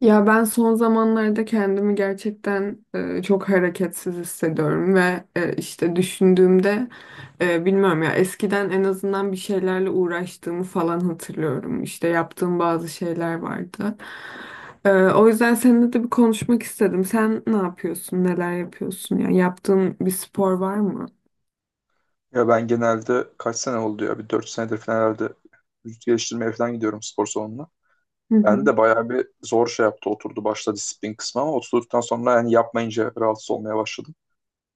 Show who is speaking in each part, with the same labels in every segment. Speaker 1: Ya ben son zamanlarda kendimi gerçekten çok hareketsiz hissediyorum ve işte düşündüğümde, bilmiyorum ya, eskiden en azından bir şeylerle uğraştığımı falan hatırlıyorum. İşte yaptığım bazı şeyler vardı. O yüzden seninle de bir konuşmak istedim. Sen ne yapıyorsun? Neler yapıyorsun? Yani yaptığın bir spor var mı?
Speaker 2: Ya ben genelde kaç sene oldu ya? Bir 4 senedir falan herhalde vücut geliştirmeye falan gidiyorum spor salonuna.
Speaker 1: Hı
Speaker 2: Ben
Speaker 1: hı.
Speaker 2: de bayağı bir zor şey yaptı oturdu başta disiplin kısmı ama oturduktan sonra yani yapmayınca rahatsız olmaya başladım.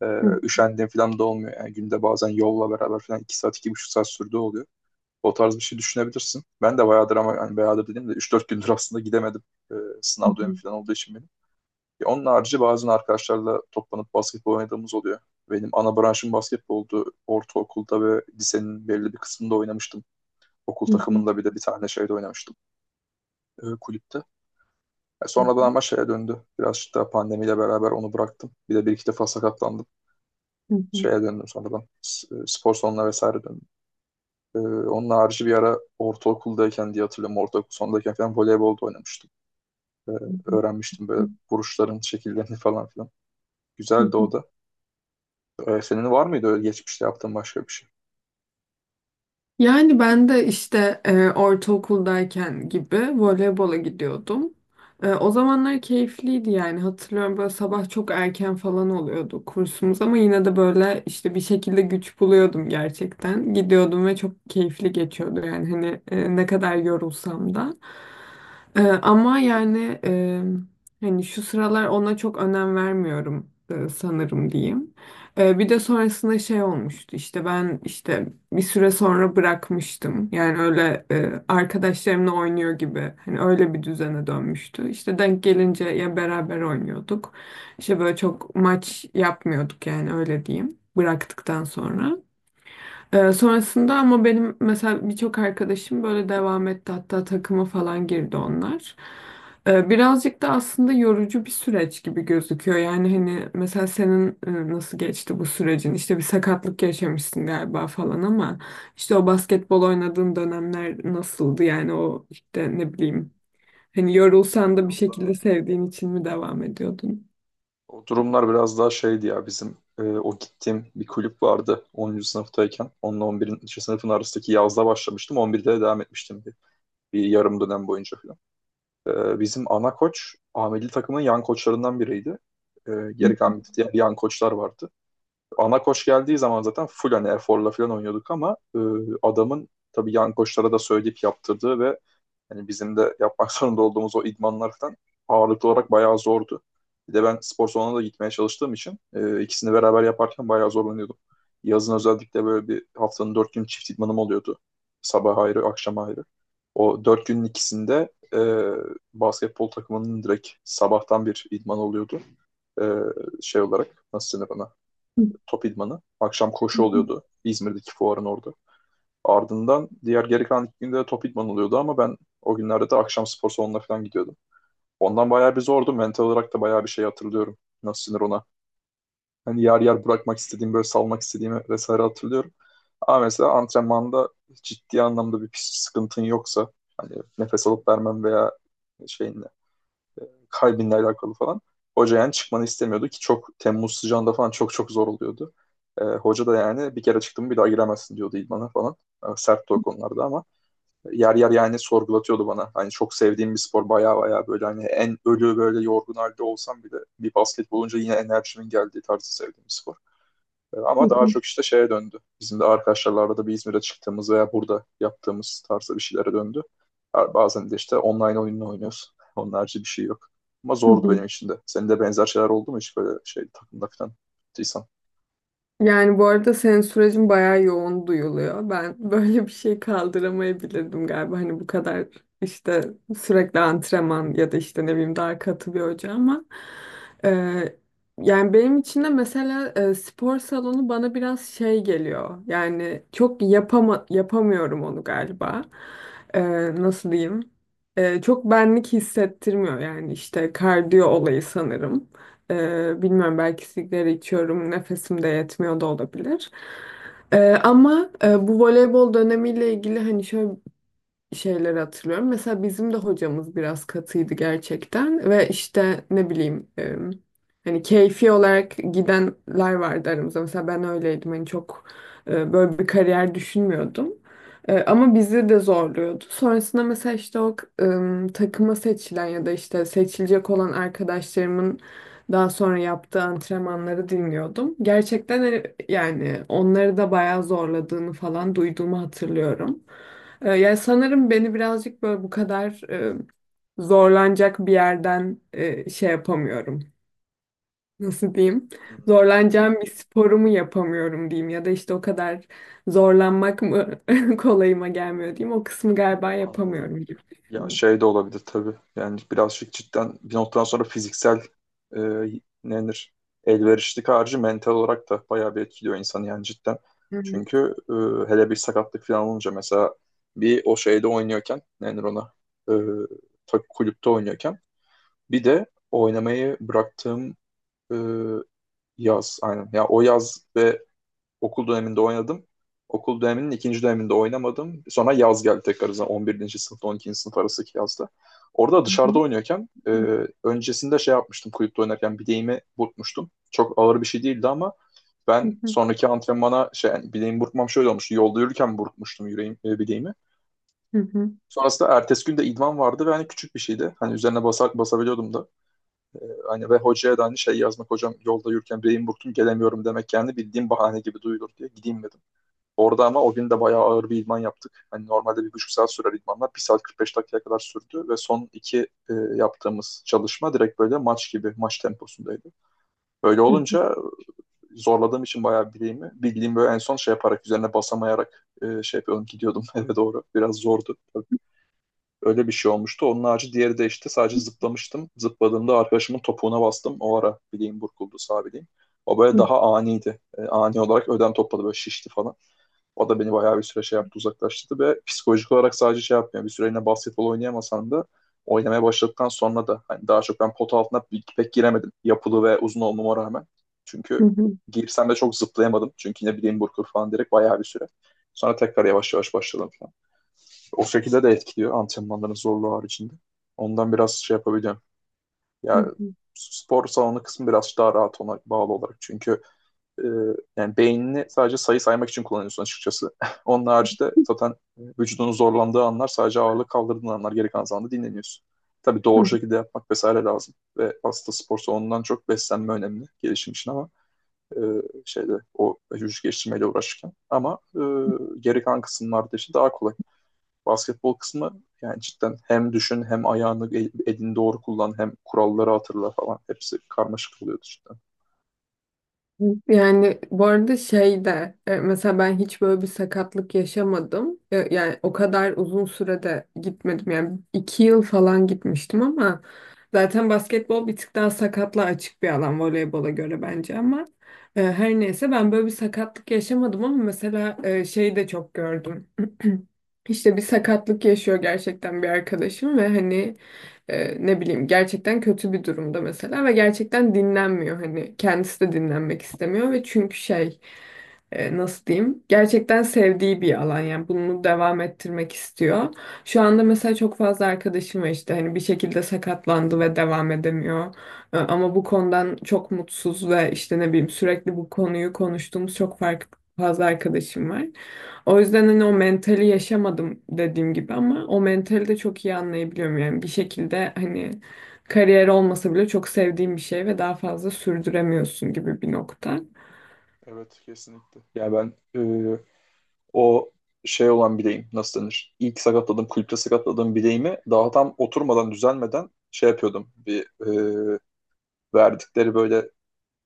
Speaker 1: Hı
Speaker 2: Üşendiğim falan da olmuyor. Yani günde bazen yolla beraber falan 2 saat iki buçuk saat sürdüğü oluyor. O tarz bir şey düşünebilirsin. Ben de bayağıdır ama yani bayağıdır dediğim de üç dört gündür aslında gidemedim. Ee, Sınav dönemi
Speaker 1: hı.
Speaker 2: falan olduğu için benim. Ya onun harici bazen arkadaşlarla toplanıp basketbol oynadığımız oluyor. Benim ana branşım basketboldu. Ortaokulda ve lisenin belli bir kısmında oynamıştım. Okul
Speaker 1: Hı hı.
Speaker 2: takımında bir de bir tane şeyde oynamıştım. Kulüpte.
Speaker 1: Hı
Speaker 2: Sonradan
Speaker 1: hı.
Speaker 2: ama şeye döndü. Birazcık daha pandemiyle beraber onu bıraktım. Bir de bir iki defa sakatlandım.
Speaker 1: Hı
Speaker 2: Şeye döndüm sonradan. Spor salonuna vesaire döndüm. Onun harici bir ara ortaokuldayken diye hatırlıyorum. Ortaokul sondayken falan voleybol da oynamıştım. E,
Speaker 1: hı.
Speaker 2: Öğrenmiştim
Speaker 1: Hı
Speaker 2: böyle vuruşların şekillerini falan filan.
Speaker 1: hı.
Speaker 2: Güzeldi o da. Senin var mıydı öyle geçmişte yaptığın başka bir şey?
Speaker 1: Yani ben de işte ortaokuldayken gibi voleybola gidiyordum. O zamanlar keyifliydi yani, hatırlıyorum böyle sabah çok erken falan oluyordu kursumuz, ama yine de böyle işte bir şekilde güç buluyordum gerçekten. Gidiyordum ve çok keyifli geçiyordu yani, hani ne kadar yorulsam da. Ama yani, hani şu sıralar ona çok önem vermiyorum sanırım diyeyim. Bir de sonrasında şey olmuştu, işte ben işte bir süre sonra bırakmıştım. Yani öyle arkadaşlarımla oynuyor gibi. Hani öyle bir düzene dönmüştü. İşte denk gelince ya beraber oynuyorduk. İşte böyle çok maç yapmıyorduk yani, öyle diyeyim. Bıraktıktan sonra. Sonrasında ama benim mesela birçok arkadaşım böyle devam etti, hatta takıma falan girdi onlar. Birazcık da aslında yorucu bir süreç gibi gözüküyor. Yani hani mesela senin nasıl geçti bu sürecin? İşte bir sakatlık yaşamışsın galiba falan ama işte o basketbol oynadığın dönemler nasıldı? Yani o işte, ne bileyim, hani
Speaker 2: Ya
Speaker 1: yorulsan da bir
Speaker 2: biraz daha
Speaker 1: şekilde sevdiğin için mi devam ediyordun?
Speaker 2: o durumlar biraz daha şeydi ya bizim o gittiğim bir kulüp vardı 10. sınıftayken. Onunla 11. sınıfın arasındaki yazda başlamıştım. 11'de de devam etmiştim bir, bir yarım dönem boyunca falan. Bizim ana koç A milli takımın yan koçlarından biriydi. Geri kalan bir diğer yan koçlar vardı. Ana koç geldiği zaman zaten full hani eforla falan oynuyorduk ama adamın tabii yan koçlara da söyleyip yaptırdığı ve yani bizim de yapmak zorunda olduğumuz o idmanlar falan ağırlıklı olarak bayağı zordu. Bir de ben spor salonuna da gitmeye çalıştığım için ikisini beraber yaparken bayağı zorlanıyordum. Yazın özellikle böyle bir haftanın dört gün çift idmanım oluyordu. Sabah ayrı, akşam ayrı. O dört günün ikisinde basketbol takımının direkt sabahtan bir idman oluyordu. E, Şey olarak nasıl denir ona? Top idmanı. Akşam koşu oluyordu. İzmir'deki fuarın orada. Ardından diğer geri kalan iki günde de top idman oluyordu ama ben o günlerde de akşam spor salonuna falan gidiyordum. Ondan bayağı bir zordu. Mental olarak da bayağı bir şey hatırlıyorum. Nasıl sinir ona. Hani yer yer bırakmak istediğim, böyle salmak istediğimi vesaire hatırlıyorum. Ama mesela antrenmanda ciddi anlamda bir pis sıkıntın yoksa hani nefes alıp vermem veya şeyinle kalbinle alakalı falan. Hoca yani çıkmanı istemiyordu ki çok Temmuz sıcağında falan çok çok zor oluyordu. Hoca da yani bir kere çıktım bir daha giremezsin diyordu idmana falan. Sert o konularda ama yer yer yani sorgulatıyordu bana. Hani çok sevdiğim bir spor baya baya böyle hani en ölü böyle yorgun halde olsam bile bir basket olunca yine enerjimin geldiği tarzı sevdiğim bir spor. Ama daha çok işte şeye döndü. Bizim de arkadaşlarla da bir İzmir'e çıktığımız veya burada yaptığımız tarzda bir şeylere döndü. Bazen de işte online oyununu oynuyorsun. Onun harici bir şey yok. Ama zordu benim için de. Senin de benzer şeyler oldu mu hiç böyle şey takımda falan? Tıysan.
Speaker 1: Yani bu arada senin sürecin bayağı yoğun duyuluyor. Ben böyle bir şey kaldıramayabilirdim galiba. Hani bu kadar işte sürekli antrenman ya da işte ne bileyim daha katı bir hoca, ama e, yani benim için de mesela spor salonu bana biraz şey geliyor. Yani çok yapama, yapamıyorum onu galiba. E, Nasıl diyeyim? Çok benlik hissettirmiyor yani, işte kardiyo olayı sanırım. Bilmiyorum, belki sigara içiyorum, nefesim de yetmiyor da olabilir. Ama bu voleybol dönemiyle ilgili hani şöyle şeyleri hatırlıyorum. Mesela bizim de hocamız biraz katıydı gerçekten ve işte, ne bileyim hani keyfi olarak gidenler vardı aramızda. Mesela ben öyleydim, hani çok böyle bir kariyer düşünmüyordum. Ama bizi de zorluyordu. Sonrasında mesela işte o takıma seçilen ya da işte seçilecek olan arkadaşlarımın daha sonra yaptığı antrenmanları dinliyordum. Gerçekten hani, yani onları da bayağı zorladığını falan duyduğumu hatırlıyorum. Yani sanırım beni birazcık böyle bu kadar zorlanacak bir yerden şey yapamıyorum. Nasıl diyeyim?
Speaker 2: Hmm, anladım.
Speaker 1: Zorlanacağım bir sporumu yapamıyorum diyeyim, ya da işte o kadar zorlanmak mı kolayıma gelmiyor diyeyim. O kısmı galiba
Speaker 2: Anladım.
Speaker 1: yapamıyorum gibi
Speaker 2: Ya
Speaker 1: düşünüyorum.
Speaker 2: şey de olabilir tabii. Yani birazcık cidden bir noktadan sonra fiziksel e, ne denir elverişlik harcı mental olarak da bayağı bir etkiliyor insanı yani cidden.
Speaker 1: Evet.
Speaker 2: Çünkü hele bir sakatlık falan olunca mesela bir o şeyde oynuyorken ne denir ona e, kulüpte oynuyorken bir de oynamayı bıraktığım e, yaz aynen. Ya o yaz ve okul döneminde oynadım. Okul döneminin ikinci döneminde oynamadım. Sonra yaz geldi tekrar zaten 11. sınıfta 12. sınıf arasındaki yazda. Orada
Speaker 1: Hı
Speaker 2: dışarıda
Speaker 1: hı.
Speaker 2: oynuyorken öncesinde şey yapmıştım kulüpte oynarken bileğimi burkmuştum. Çok ağır bir şey değildi ama
Speaker 1: Hı
Speaker 2: ben
Speaker 1: hı.
Speaker 2: sonraki antrenmana şey yani bileğimi burkmam şöyle olmuştu. Yolda yürürken burkmuştum yüreğim, bileğimi.
Speaker 1: Hı hı.
Speaker 2: Sonrasında ertesi gün de idman vardı ve hani küçük bir şeydi. Hani üzerine basa, basabiliyordum da. E, Hani ve hocaya da hani şey yazmak hocam yolda yürürken bileğimi burktum gelemiyorum demek kendi bildiğim bahane gibi duyulur diye gideyim dedim. Orada ama o gün de bayağı ağır bir idman yaptık. Hani normalde bir buçuk saat sürer idmanlar. Bir saat 45 dakikaya kadar sürdü ve son iki yaptığımız çalışma direkt böyle maç gibi, maç temposundaydı. Böyle
Speaker 1: Hı
Speaker 2: olunca zorladığım için bayağı bileğimi bildiğim böyle en son şey yaparak, üzerine basamayarak şey yapıyordum, gidiyordum eve doğru. Biraz zordu. Öyle bir şey olmuştu. Onun harici diğeri de işte sadece zıplamıştım. Zıpladığımda arkadaşımın topuğuna bastım. O ara bileğim burkuldu, sağ bileğim. O böyle
Speaker 1: hı.
Speaker 2: daha aniydi. E, ani olarak ödem topladı, böyle şişti falan. O da beni bayağı bir süre şey yaptı uzaklaştırdı ve psikolojik olarak sadece şey yapmıyor. Bir süre yine basketbol oynayamasam da oynamaya başladıktan sonra da hani daha çok ben pota altına pek giremedim. Yapılı ve uzun olmama rağmen. Çünkü
Speaker 1: Hı hı.
Speaker 2: girsem de çok zıplayamadım. Çünkü yine bileğim burkur falan direkt bayağı bir süre. Sonra tekrar yavaş yavaş başladım falan. O şekilde de etkiliyor antrenmanların zorluğu haricinde. Ondan biraz şey yapabiliyorum.
Speaker 1: Hı
Speaker 2: Ya
Speaker 1: hı.
Speaker 2: spor salonu kısmı biraz daha rahat ona bağlı olarak. Çünkü e, yani beynini sadece sayı saymak için kullanıyorsun açıkçası. Onun haricinde zaten vücudunun zorlandığı anlar sadece ağırlık kaldırdığın anlar geri kalan zamanda dinleniyorsun. Tabii doğru şekilde yapmak vesaire lazım. Ve aslında spor salonundan çok beslenme önemli gelişim için ama e, şeyde o vücut geliştirmeyle uğraşırken. Ama geri kalan kısımlarda işte daha kolay. Basketbol kısmı yani cidden hem düşün hem ayağını elini doğru kullan hem kuralları hatırla falan. Hepsi karmaşık oluyordu cidden.
Speaker 1: Yani bu arada şey de, mesela ben hiç böyle bir sakatlık yaşamadım. E, yani o kadar uzun sürede gitmedim. Yani iki yıl falan gitmiştim, ama zaten basketbol bir tık daha sakatlığa açık bir alan voleybola göre bence, ama her neyse, ben böyle bir sakatlık yaşamadım, ama mesela şey de çok gördüm. İşte bir sakatlık yaşıyor gerçekten bir arkadaşım, ve hani ne bileyim, gerçekten kötü bir durumda mesela, ve gerçekten dinlenmiyor, hani kendisi de dinlenmek istemiyor, ve çünkü şey, nasıl diyeyim, gerçekten sevdiği bir alan, yani bunu devam ettirmek istiyor. Şu anda mesela çok fazla arkadaşım var, işte hani bir şekilde sakatlandı ve devam edemiyor. E, ama bu konudan çok mutsuz ve işte, ne bileyim, sürekli bu konuyu konuştuğumuz çok farklı fazla arkadaşım var. O yüzden hani o mentali yaşamadım dediğim gibi, ama o mentali de çok iyi anlayabiliyorum. Yani bir şekilde hani kariyer olmasa bile çok sevdiğim bir şey ve daha fazla sürdüremiyorsun gibi bir nokta.
Speaker 2: Evet kesinlikle. Yani ben e, o şey olan bileğim nasıl denir? İlk sakatladığım, kulüpte sakatladığım bileğimi daha tam oturmadan, düzelmeden şey yapıyordum. Bir e, verdikleri böyle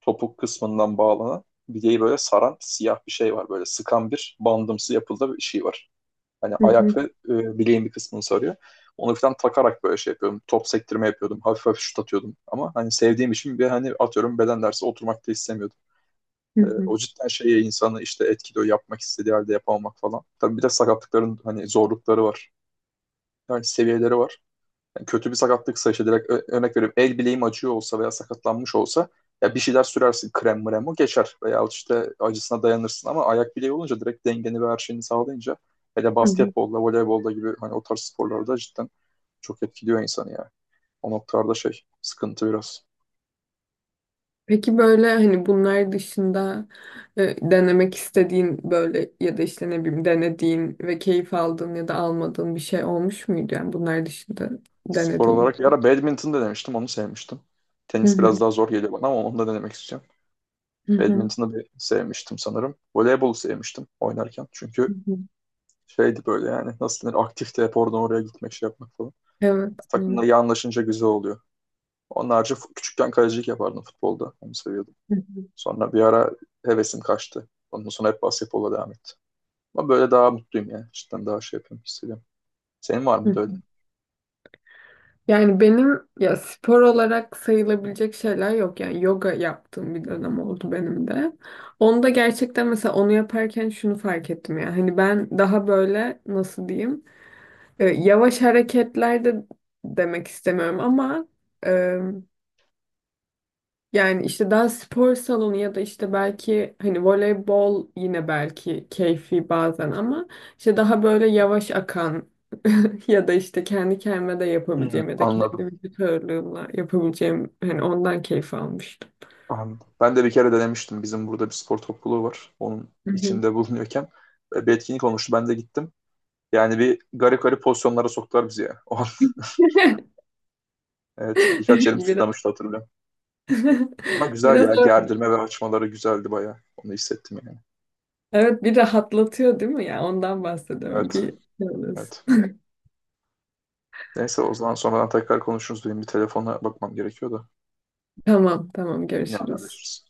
Speaker 2: topuk kısmından bağlanan bileği böyle saran siyah bir şey var. Böyle sıkan bir bandımsı yapıldığı bir şey var. Hani
Speaker 1: Hı hı,
Speaker 2: ayak ve bileğin bir kısmını sarıyor. Onu falan takarak böyle şey yapıyordum. Top sektirme yapıyordum. Hafif hafif şut atıyordum. Ama hani sevdiğim için bir hani atıyorum beden dersi oturmak da istemiyordum.
Speaker 1: hı hı,
Speaker 2: O cidden şeye insanı işte etkiliyor yapmak istediği halde yapamamak falan. Tabii bir de sakatlıkların hani zorlukları var. Yani seviyeleri var. Yani kötü bir sakatlıksa işte direkt örnek veriyorum el bileğim acıyor olsa veya sakatlanmış olsa ya bir şeyler sürersin krem mrem o geçer veya işte acısına dayanırsın ama ayak bileği olunca direkt dengeni ve her şeyini sağlayınca hele
Speaker 1: hı hı.
Speaker 2: basketbolda, voleybolda gibi hani o tarz sporlarda cidden çok etkiliyor insanı ya. O noktalarda şey sıkıntı biraz.
Speaker 1: Peki böyle hani bunlar dışında denemek istediğin, böyle ya da işte ne bileyim, denediğin ve keyif aldığın ya da almadığın bir şey olmuş muydu? Yani bunlar dışında
Speaker 2: Spor
Speaker 1: denediğin
Speaker 2: olarak ya
Speaker 1: bir.
Speaker 2: ara badminton da demiştim onu sevmiştim.
Speaker 1: Hı
Speaker 2: Tenis
Speaker 1: hı,
Speaker 2: biraz daha zor geliyor bana ama onu da denemek istiyorum.
Speaker 1: hı hı,
Speaker 2: Badminton'ı bir sevmiştim sanırım. Voleybolu sevmiştim oynarken.
Speaker 1: hı
Speaker 2: Çünkü
Speaker 1: hı.
Speaker 2: şeydi böyle yani nasıl denir aktifti hep oradan oraya gitmek şey yapmak falan.
Speaker 1: Evet.
Speaker 2: Yani
Speaker 1: Hı
Speaker 2: takımla iyi anlaşınca güzel oluyor. Onun harici küçükken kalecilik yapardım futbolda. Onu seviyordum.
Speaker 1: hı, hı
Speaker 2: Sonra bir ara hevesim kaçtı. Ondan sonra hep basketbola devam etti. Ama böyle daha mutluyum yani. Cidden daha şey yapıyorum hissediyorum. Senin var
Speaker 1: hı,
Speaker 2: mıydı
Speaker 1: hı
Speaker 2: öyle?
Speaker 1: Yani benim ya spor olarak sayılabilecek şeyler yok. Yani yoga yaptığım bir dönem oldu benim de. Onu da gerçekten, mesela onu yaparken şunu fark ettim ya. Hani ben daha böyle nasıl diyeyim? Yavaş hareketler de demek istemiyorum ama, e, yani işte daha spor salonu ya da işte belki hani voleybol yine belki keyfi bazen ama işte daha böyle yavaş akan, ya da işte kendi kendime de
Speaker 2: Hmm.
Speaker 1: yapabileceğim ya da
Speaker 2: Anladım.
Speaker 1: kendi vücut ağırlığımla yapabileceğim, hani ondan keyif almıştım.
Speaker 2: Anladım. Ben de bir kere denemiştim. Bizim burada bir spor topluluğu var. Onun
Speaker 1: Hı hı.
Speaker 2: içinde bulunuyorken bir etkinlik olmuştu. Ben de gittim. Yani bir garip garip pozisyonlara soktular bizi ya. O an, evet.
Speaker 1: Evet,
Speaker 2: Birkaç yerim
Speaker 1: biraz
Speaker 2: tutlamıştı hatırlıyorum. Ama güzel
Speaker 1: biraz
Speaker 2: ya.
Speaker 1: öyle.
Speaker 2: Gerdirme ve açmaları güzeldi bayağı. Onu hissettim yani.
Speaker 1: Evet, bir rahatlatıyor değil mi, ya ondan bahsediyorum, bir
Speaker 2: Evet.
Speaker 1: şey oluyorsun.
Speaker 2: Evet. Neyse o zaman sonradan tekrar konuşuruz. Benim bir telefona bakmam gerekiyor da.
Speaker 1: Tamam, tamam,
Speaker 2: Yine
Speaker 1: görüşürüz.
Speaker 2: haberleşiriz.